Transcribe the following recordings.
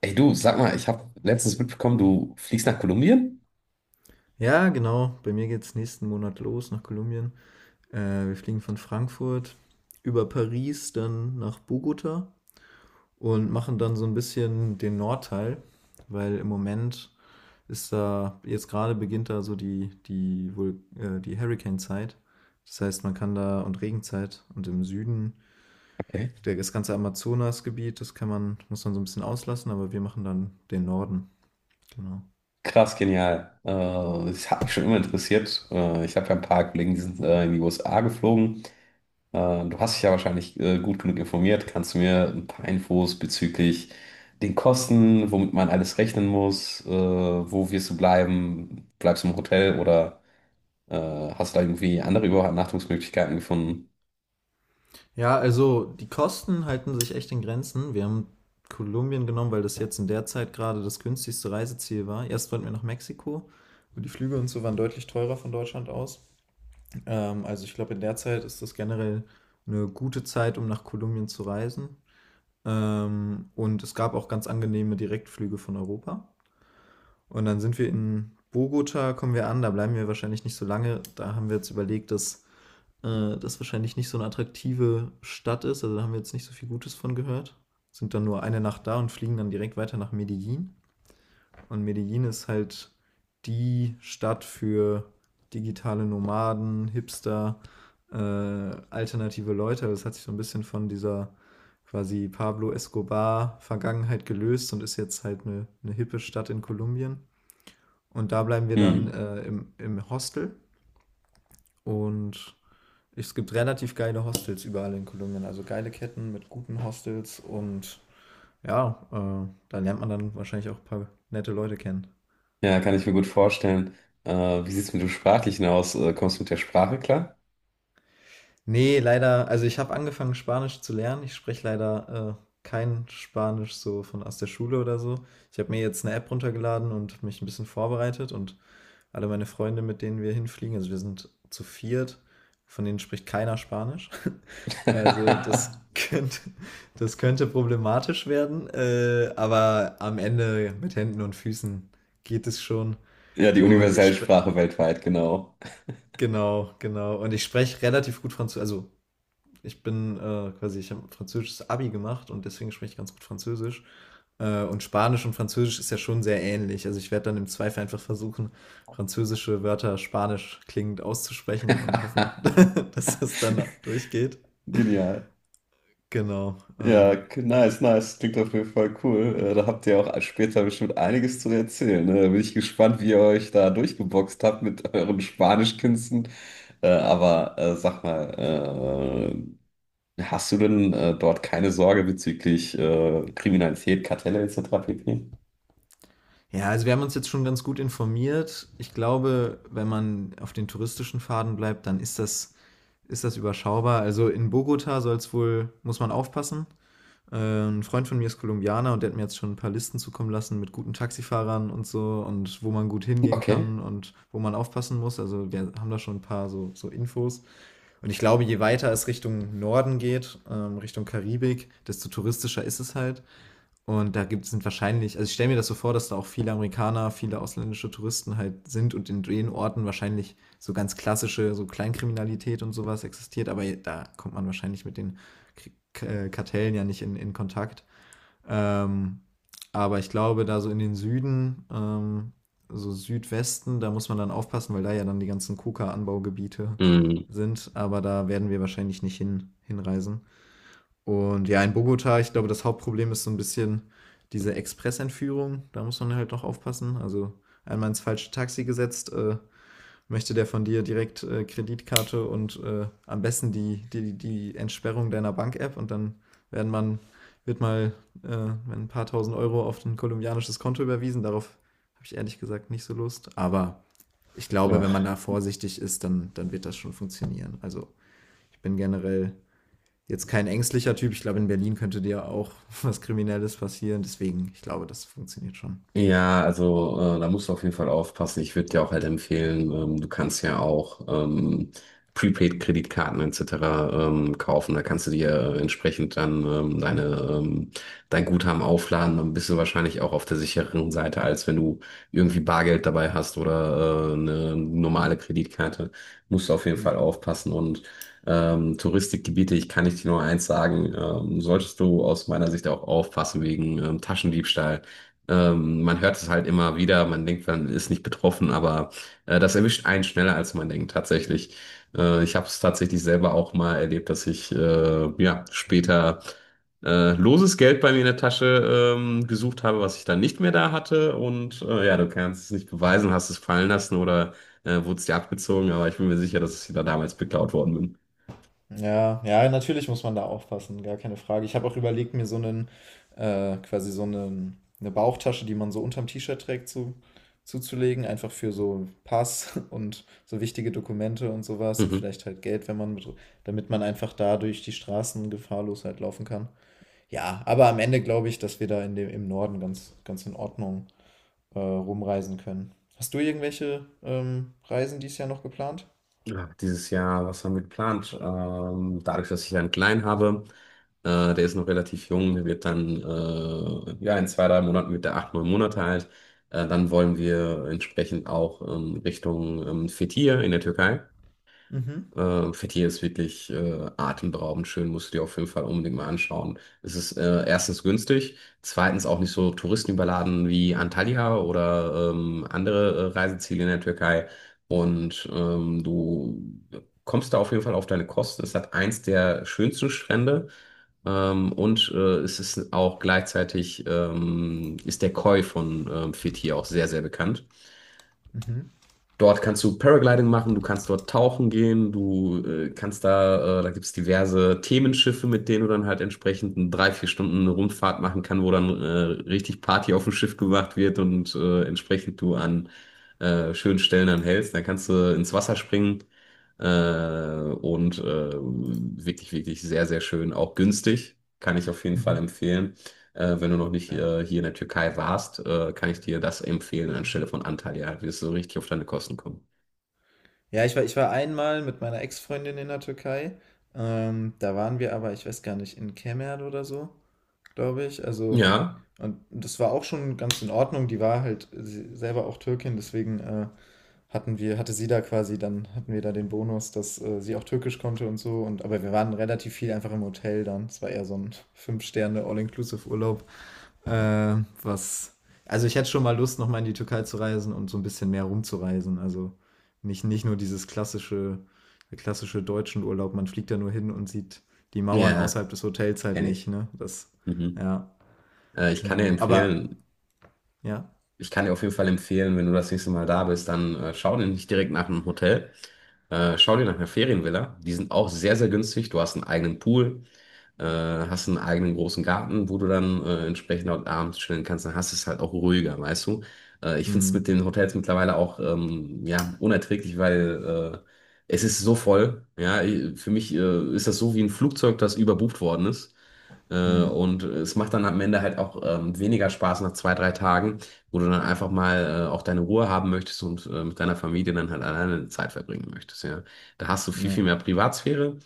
Ey du, sag mal, ich habe letztens mitbekommen, du fliegst nach Kolumbien? Ja, genau. Bei mir geht's nächsten Monat los nach Kolumbien. Wir fliegen von Frankfurt über Paris dann nach Bogota und machen dann so ein bisschen den Nordteil, weil im Moment ist da, jetzt gerade beginnt da so die Hurricane-Zeit. Das heißt, man kann da und Regenzeit und im Süden, Okay. der, das ganze Amazonasgebiet, das kann man, muss man so ein bisschen auslassen, aber wir machen dann den Norden. Genau. Krass, genial. Das hat mich schon immer interessiert. Ich habe ja ein paar Kollegen, die sind in die USA geflogen. Äh, Du hast dich ja wahrscheinlich gut genug informiert. Kannst du mir ein paar Infos bezüglich den Kosten, womit man alles rechnen muss, wo wirst du bleiben? Bleibst du im Hotel oder äh, hast du da irgendwie andere Übernachtungsmöglichkeiten gefunden? Ja, also die Kosten halten sich echt in Grenzen. Wir haben Kolumbien genommen, weil das jetzt in der Zeit gerade das günstigste Reiseziel war. Erst wollten wir nach Mexiko, und die Flüge und so waren deutlich teurer von Deutschland aus. Also ich glaube, in der Zeit ist das generell eine gute Zeit, um nach Kolumbien zu reisen. Und es gab auch ganz angenehme Direktflüge von Europa. Und dann sind wir in Bogota, kommen wir an, da bleiben wir wahrscheinlich nicht so lange. Da haben wir jetzt überlegt, dass das wahrscheinlich nicht so eine attraktive Stadt ist. Also da haben wir jetzt nicht so viel Gutes von gehört. Sind dann nur eine Nacht da und fliegen dann direkt weiter nach Medellin. Und Medellin ist halt die Stadt für digitale Nomaden, Hipster, alternative Leute. Das hat sich so ein bisschen von dieser quasi Pablo Escobar-Vergangenheit gelöst und ist jetzt halt eine hippe Stadt in Kolumbien. Und da bleiben wir dann Hm. im Hostel und es gibt relativ geile Hostels überall in Kolumbien, also geile Ketten mit guten Hostels und ja, da lernt man dann wahrscheinlich auch ein paar nette Leute kennen. Ja, kann ich mir gut vorstellen. Wie sieht es mit dem Sprachlichen aus? Kommst du mit der Sprache klar? Nee, leider, also ich habe angefangen Spanisch zu lernen. Ich spreche leider kein Spanisch so von aus der Schule oder so. Ich habe mir jetzt eine App runtergeladen und mich ein bisschen vorbereitet und alle meine Freunde, mit denen wir hinfliegen, also wir sind zu viert, von denen spricht keiner Spanisch. Also das das könnte problematisch werden, aber am Ende mit Händen und Füßen geht es schon. Ja, die Und ich universelle spreche, Sprache weltweit, genau. Genau. Und ich spreche relativ gut Französisch. Also ich bin ich habe ein französisches Abi gemacht und deswegen spreche ich ganz gut Französisch. Und Spanisch und Französisch ist ja schon sehr ähnlich. Also ich werde dann im Zweifel einfach versuchen, französische Wörter spanisch klingend auszusprechen und hoffen, dass das dann durchgeht. Genial. Genau. Ja, nice, nice. Klingt auf jeden Fall cool. Da habt ihr auch später bestimmt einiges zu erzählen. Ne? Da bin ich gespannt, wie ihr euch da durchgeboxt habt mit euren Spanischkünsten. Aber sag mal, hast du denn dort keine Sorge bezüglich Kriminalität, Kartelle etc. pp? Ja, also wir haben uns jetzt schon ganz gut informiert. Ich glaube, wenn man auf den touristischen Faden bleibt, ist das überschaubar. Also in Bogota soll es wohl, muss man aufpassen. Äh, ein Freund von mir ist Kolumbianer und der hat mir jetzt schon ein paar Listen zukommen lassen mit guten Taxifahrern und so und wo man gut hingehen Okay. kann und wo man aufpassen muss. Also wir haben da schon ein paar so Infos. Und ich glaube, je weiter es Richtung Norden geht, Richtung Karibik, desto touristischer ist es halt. Und da gibt es wahrscheinlich, also ich stelle mir das so vor, dass da auch viele Amerikaner, viele ausländische Touristen halt sind und in den Orten wahrscheinlich so ganz klassische, so Kleinkriminalität und sowas existiert, aber da kommt man wahrscheinlich mit den K Kartellen ja nicht in Kontakt. Ähm, aber ich glaube, da so in den Süden, so Südwesten, da muss man dann aufpassen, weil da ja dann die ganzen Koka-Anbaugebiete Mhm. sind, aber da werden wir wahrscheinlich nicht hin, hinreisen. Und ja, in Bogota, ich glaube, das Hauptproblem ist so ein bisschen diese Expressentführung. Da muss man halt noch aufpassen. Also einmal ins falsche Taxi gesetzt, möchte der von dir direkt Kreditkarte und am besten die Entsperrung deiner Bank-App und dann werden man, wird mal ein paar tausend Euro auf ein kolumbianisches Konto überwiesen. Darauf habe ich ehrlich gesagt nicht so Lust. Aber ich glaube, wenn man da vorsichtig ist, dann wird das schon funktionieren. Also ich bin generell jetzt kein ängstlicher Typ. Ich glaube, in Berlin könnte dir auch was Kriminelles passieren. Deswegen, ich glaube, das funktioniert schon. Ja, also da musst du auf jeden Fall aufpassen. Ich würde dir auch halt empfehlen, du kannst ja auch Prepaid-Kreditkarten etc. Kaufen. Da kannst du dir entsprechend dann deine, ähm, dein Guthaben aufladen. Dann bist du wahrscheinlich auch auf der sicheren Seite, als wenn du irgendwie Bargeld dabei hast oder eine normale Kreditkarte. Musst du auf jeden Fall Ja. aufpassen. Und Touristikgebiete, ich kann nicht nur eins sagen, solltest du aus meiner Sicht auch aufpassen wegen Taschendiebstahl. Man hört es halt immer wieder, man denkt, man ist nicht betroffen, aber das erwischt einen schneller, als man denkt, tatsächlich. Ich habe es tatsächlich selber auch mal erlebt, dass ich ja, später loses Geld bei mir in der Tasche gesucht habe, was ich dann nicht mehr da hatte. Und ja, du kannst es nicht beweisen, hast es fallen lassen oder wurde es dir abgezogen, aber ich bin mir sicher, dass ich da damals beklaut worden bin. Ja, ja, natürlich muss man da aufpassen, gar keine Frage. Ich habe auch überlegt, mir eine Bauchtasche, die man so unterm T-Shirt trägt, zuzulegen, einfach für so Pass und so wichtige Dokumente und sowas und Mhm. vielleicht halt Geld, wenn man mit, damit man einfach da durch die Straßen gefahrlos halt laufen kann. Ja, aber am Ende glaube ich, dass wir da im Norden ganz in Ordnung rumreisen können. Hast du irgendwelche Reisen dieses Jahr noch geplant? Ja, dieses Jahr, was haben wir geplant? Dadurch, dass ich einen Kleinen habe, der ist noch relativ jung, der wird dann, ja, in 2, 3 Monaten wird der 8, 9 Monate alt. Dann wollen wir entsprechend auch Richtung Fethiye in der Türkei. Mhm, Fethiye ist wirklich atemberaubend schön, musst du dir auf jeden Fall unbedingt mal anschauen. Es ist erstens günstig, zweitens auch nicht so touristenüberladen wie Antalya oder andere Reiseziele in der Türkei. Und du kommst da auf jeden Fall auf deine Kosten. Es hat eins der schönsten Strände und es ist auch gleichzeitig ist der Koi von Fethiye auch sehr, sehr bekannt. mhm, Dort kannst du Paragliding machen, du kannst dort tauchen gehen, du kannst da, da gibt's diverse Themenschiffe, mit denen du dann halt entsprechend eine 3, 4 Stunden eine Rundfahrt machen kann, wo dann richtig Party auf dem Schiff gemacht wird und entsprechend du an schönen Stellen dann hältst. Dann kannst du ins Wasser springen äh, und wirklich, wirklich sehr, sehr schön, auch günstig, kann ich auf jeden Fall mhm. empfehlen. Wenn du noch nicht Okay. Hier in der Türkei warst, kann ich dir das empfehlen anstelle von Antalya. Du wirst du richtig auf deine Kosten kommen. Ja, ich war einmal mit meiner Ex-Freundin in der Türkei. Da waren wir aber, ich weiß gar nicht, in Kemer oder so, glaube ich. Also, Ja, und das war auch schon ganz in Ordnung. Die war halt selber auch Türkin, deswegen hatte sie da quasi, dann hatten wir da den Bonus, dass sie auch Türkisch konnte und so. Und, aber wir waren relativ viel einfach im Hotel dann. Es war eher so ein Fünf-Sterne All-Inclusive-Urlaub. Was. Also ich hätte schon mal Lust, nochmal in die Türkei zu reisen und so ein bisschen mehr rumzureisen. Also nicht nur dieses klassische, der klassische deutschen Urlaub. Man fliegt ja nur hin und sieht die Mauern ja, außerhalb des Hotels halt kenne nicht, ich. ne? Das, Mhm. ja, Ich kann dir genau. Aber, empfehlen, ja. ich kann dir auf jeden Fall empfehlen, wenn du das nächste Mal da bist, dann schau dir nicht direkt nach einem Hotel. Schau dir nach einer Ferienvilla. Die sind auch sehr, sehr günstig. Du hast einen eigenen Pool. Hast einen eigenen großen Garten, wo du dann entsprechend auch abends chillen kannst, dann hast du es halt auch ruhiger, weißt du? Ich finde es Hm, mit den Hotels mittlerweile auch ja, unerträglich, weil es ist so voll. Ja, für mich ist das so wie ein Flugzeug, das überbucht worden ist. Äh, hm, und es macht dann am Ende halt auch weniger Spaß nach 2, 3 Tagen, wo du dann einfach mal auch deine Ruhe haben möchtest und mit deiner Familie dann halt alleine Zeit verbringen möchtest. Ja. Da hast du viel, ja, viel mehr Privatsphäre.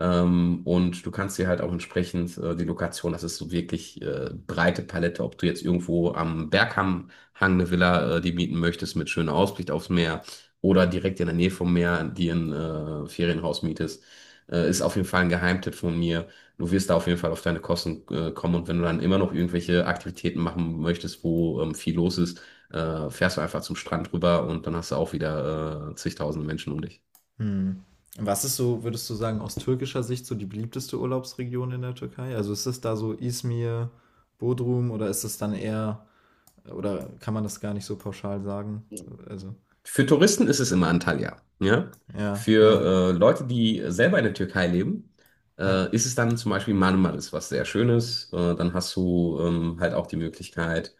Und du kannst dir halt auch entsprechend die Lokation, das ist so wirklich breite Palette, ob du jetzt irgendwo am Berghang Hang eine Villa die mieten möchtest mit schöner Aussicht aufs Meer oder direkt in der Nähe vom Meer dir ein Ferienhaus mietest, ist auf jeden Fall ein Geheimtipp von mir. Du wirst da auf jeden Fall auf deine Kosten kommen und wenn du dann immer noch irgendwelche Aktivitäten machen möchtest, wo viel los ist, fährst du einfach zum Strand rüber und dann hast du auch wieder zigtausende Menschen um dich. hm. Was ist so, würdest du sagen, aus türkischer Sicht so die beliebteste Urlaubsregion in der Türkei? Also ist es da so Izmir, Bodrum oder ist es dann eher, oder kann man das gar nicht so pauschal sagen? Also, Für Touristen ist es immer Antalya, ja. ja, ja, Für Leute, die selber in der Türkei leben, ja. Ist es dann zum Beispiel Marmaris, was sehr schön ist. Dann hast du halt auch die Möglichkeit,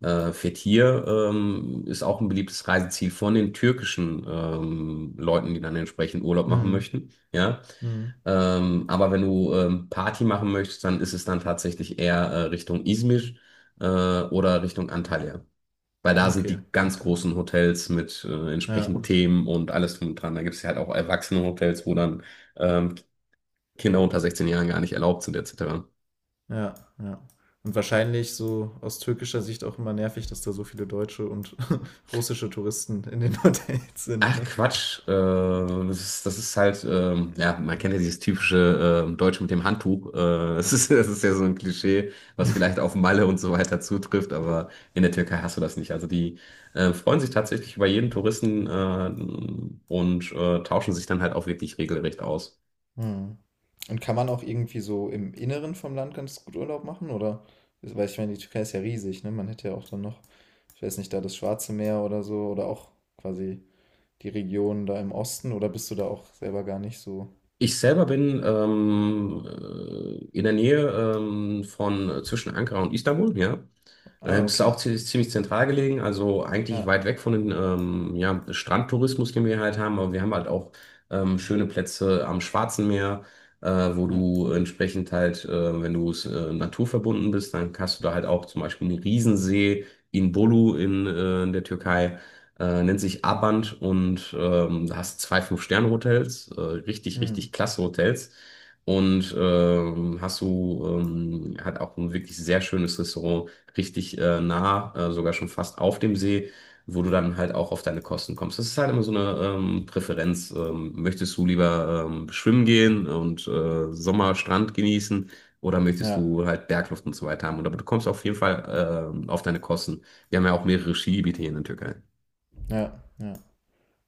Fethiye ist auch ein beliebtes Reiseziel von den türkischen Leuten, die dann entsprechend Urlaub machen Mhm. möchten, ja. Mhm. Aber wenn du Party machen möchtest, dann ist es dann tatsächlich eher Richtung Izmir oder Richtung Antalya. Weil da sind Okay, die ganz okay. großen Hotels mit entsprechenden Ja, Themen und alles drum und dran. Da gibt es ja halt auch Erwachsenenhotels, wo dann ähm, Kinder unter 16 Jahren gar nicht erlaubt sind, etc. ja, ja. Und wahrscheinlich so aus türkischer Sicht auch immer nervig, dass da so viele deutsche und russische Touristen in den Hotels sind, Ach ne? Quatsch, das ist halt, ja, man kennt ja dieses typische Deutsche mit dem Handtuch. Das ist, das ist ja so ein Klischee, was vielleicht auf Malle und so weiter zutrifft, aber in der Türkei hast du das nicht. Also die freuen sich tatsächlich über jeden Touristen und tauschen sich dann halt auch wirklich regelrecht aus. Mhm. Und kann man auch irgendwie so im Inneren vom Land ganz gut Urlaub machen, oder? Weil ich meine, die Türkei ist ja riesig, ne? Man hätte ja auch dann noch, ich weiß nicht, da das Schwarze Meer oder so, oder auch quasi die Region da im Osten, oder bist du da auch selber gar nicht so? Ich selber bin in der Nähe von zwischen Ankara und Istanbul, ja. Ah, Es ist okay. auch ziemlich zentral gelegen, also eigentlich Ja, weit weg von dem ja, Strandtourismus, den wir halt haben, aber wir haben halt auch schöne Plätze am Schwarzen Meer, äh, wo ja. du entsprechend halt, wenn du es naturverbunden bist, dann hast du da halt auch zum Beispiel einen Riesensee in Bolu in der Türkei nennt sich Abant und da hast zwei Fünf-Sterne-Hotels, richtig, Mhm. richtig klasse Hotels. Und hast du hat auch ein wirklich sehr schönes Restaurant, richtig nah, sogar schon fast auf dem See, wo du dann halt auch auf deine Kosten kommst. Das ist halt immer so eine Präferenz. Möchtest du lieber schwimmen gehen und Sommerstrand genießen oder möchtest Ja. du halt Bergluft und so weiter haben? Und aber du kommst auf jeden Fall auf deine Kosten. Wir haben ja auch mehrere Skigebiete hier in der Türkei. Ja, ja.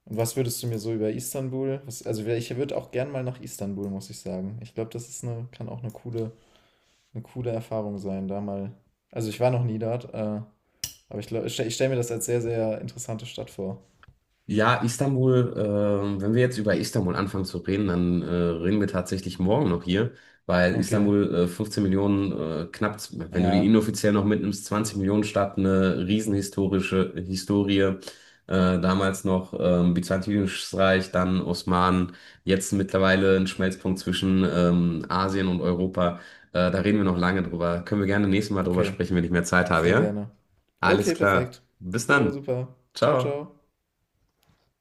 Und was würdest du mir so über Istanbul? Ich würde auch gern mal nach Istanbul, muss ich sagen. Ich glaube, das ist eine, kann auch eine coole Erfahrung sein, da mal. Also ich war noch nie dort, aber ich glaube, ich stelle stell mir das als sehr, sehr interessante Stadt vor. Ja, Istanbul, wenn wir jetzt über Istanbul anfangen zu reden, dann reden wir tatsächlich morgen noch hier, weil Okay. Istanbul 15 Millionen, knapp, wenn du die Ja, inoffiziell noch mitnimmst, 20 Millionen Stadt, eine riesenhistorische Historie. Damals noch Byzantinisches Reich, dann Osmanen, jetzt mittlerweile ein Schmelzpunkt zwischen Asien und Europa. Da reden wir noch lange drüber. Können wir gerne nächstes Mal drüber okay. sprechen, wenn ich mehr Zeit habe, Sehr ja? gerne. Alles Okay, klar. perfekt. Bis Jo, dann. super. Ciao, Ciao. ciao.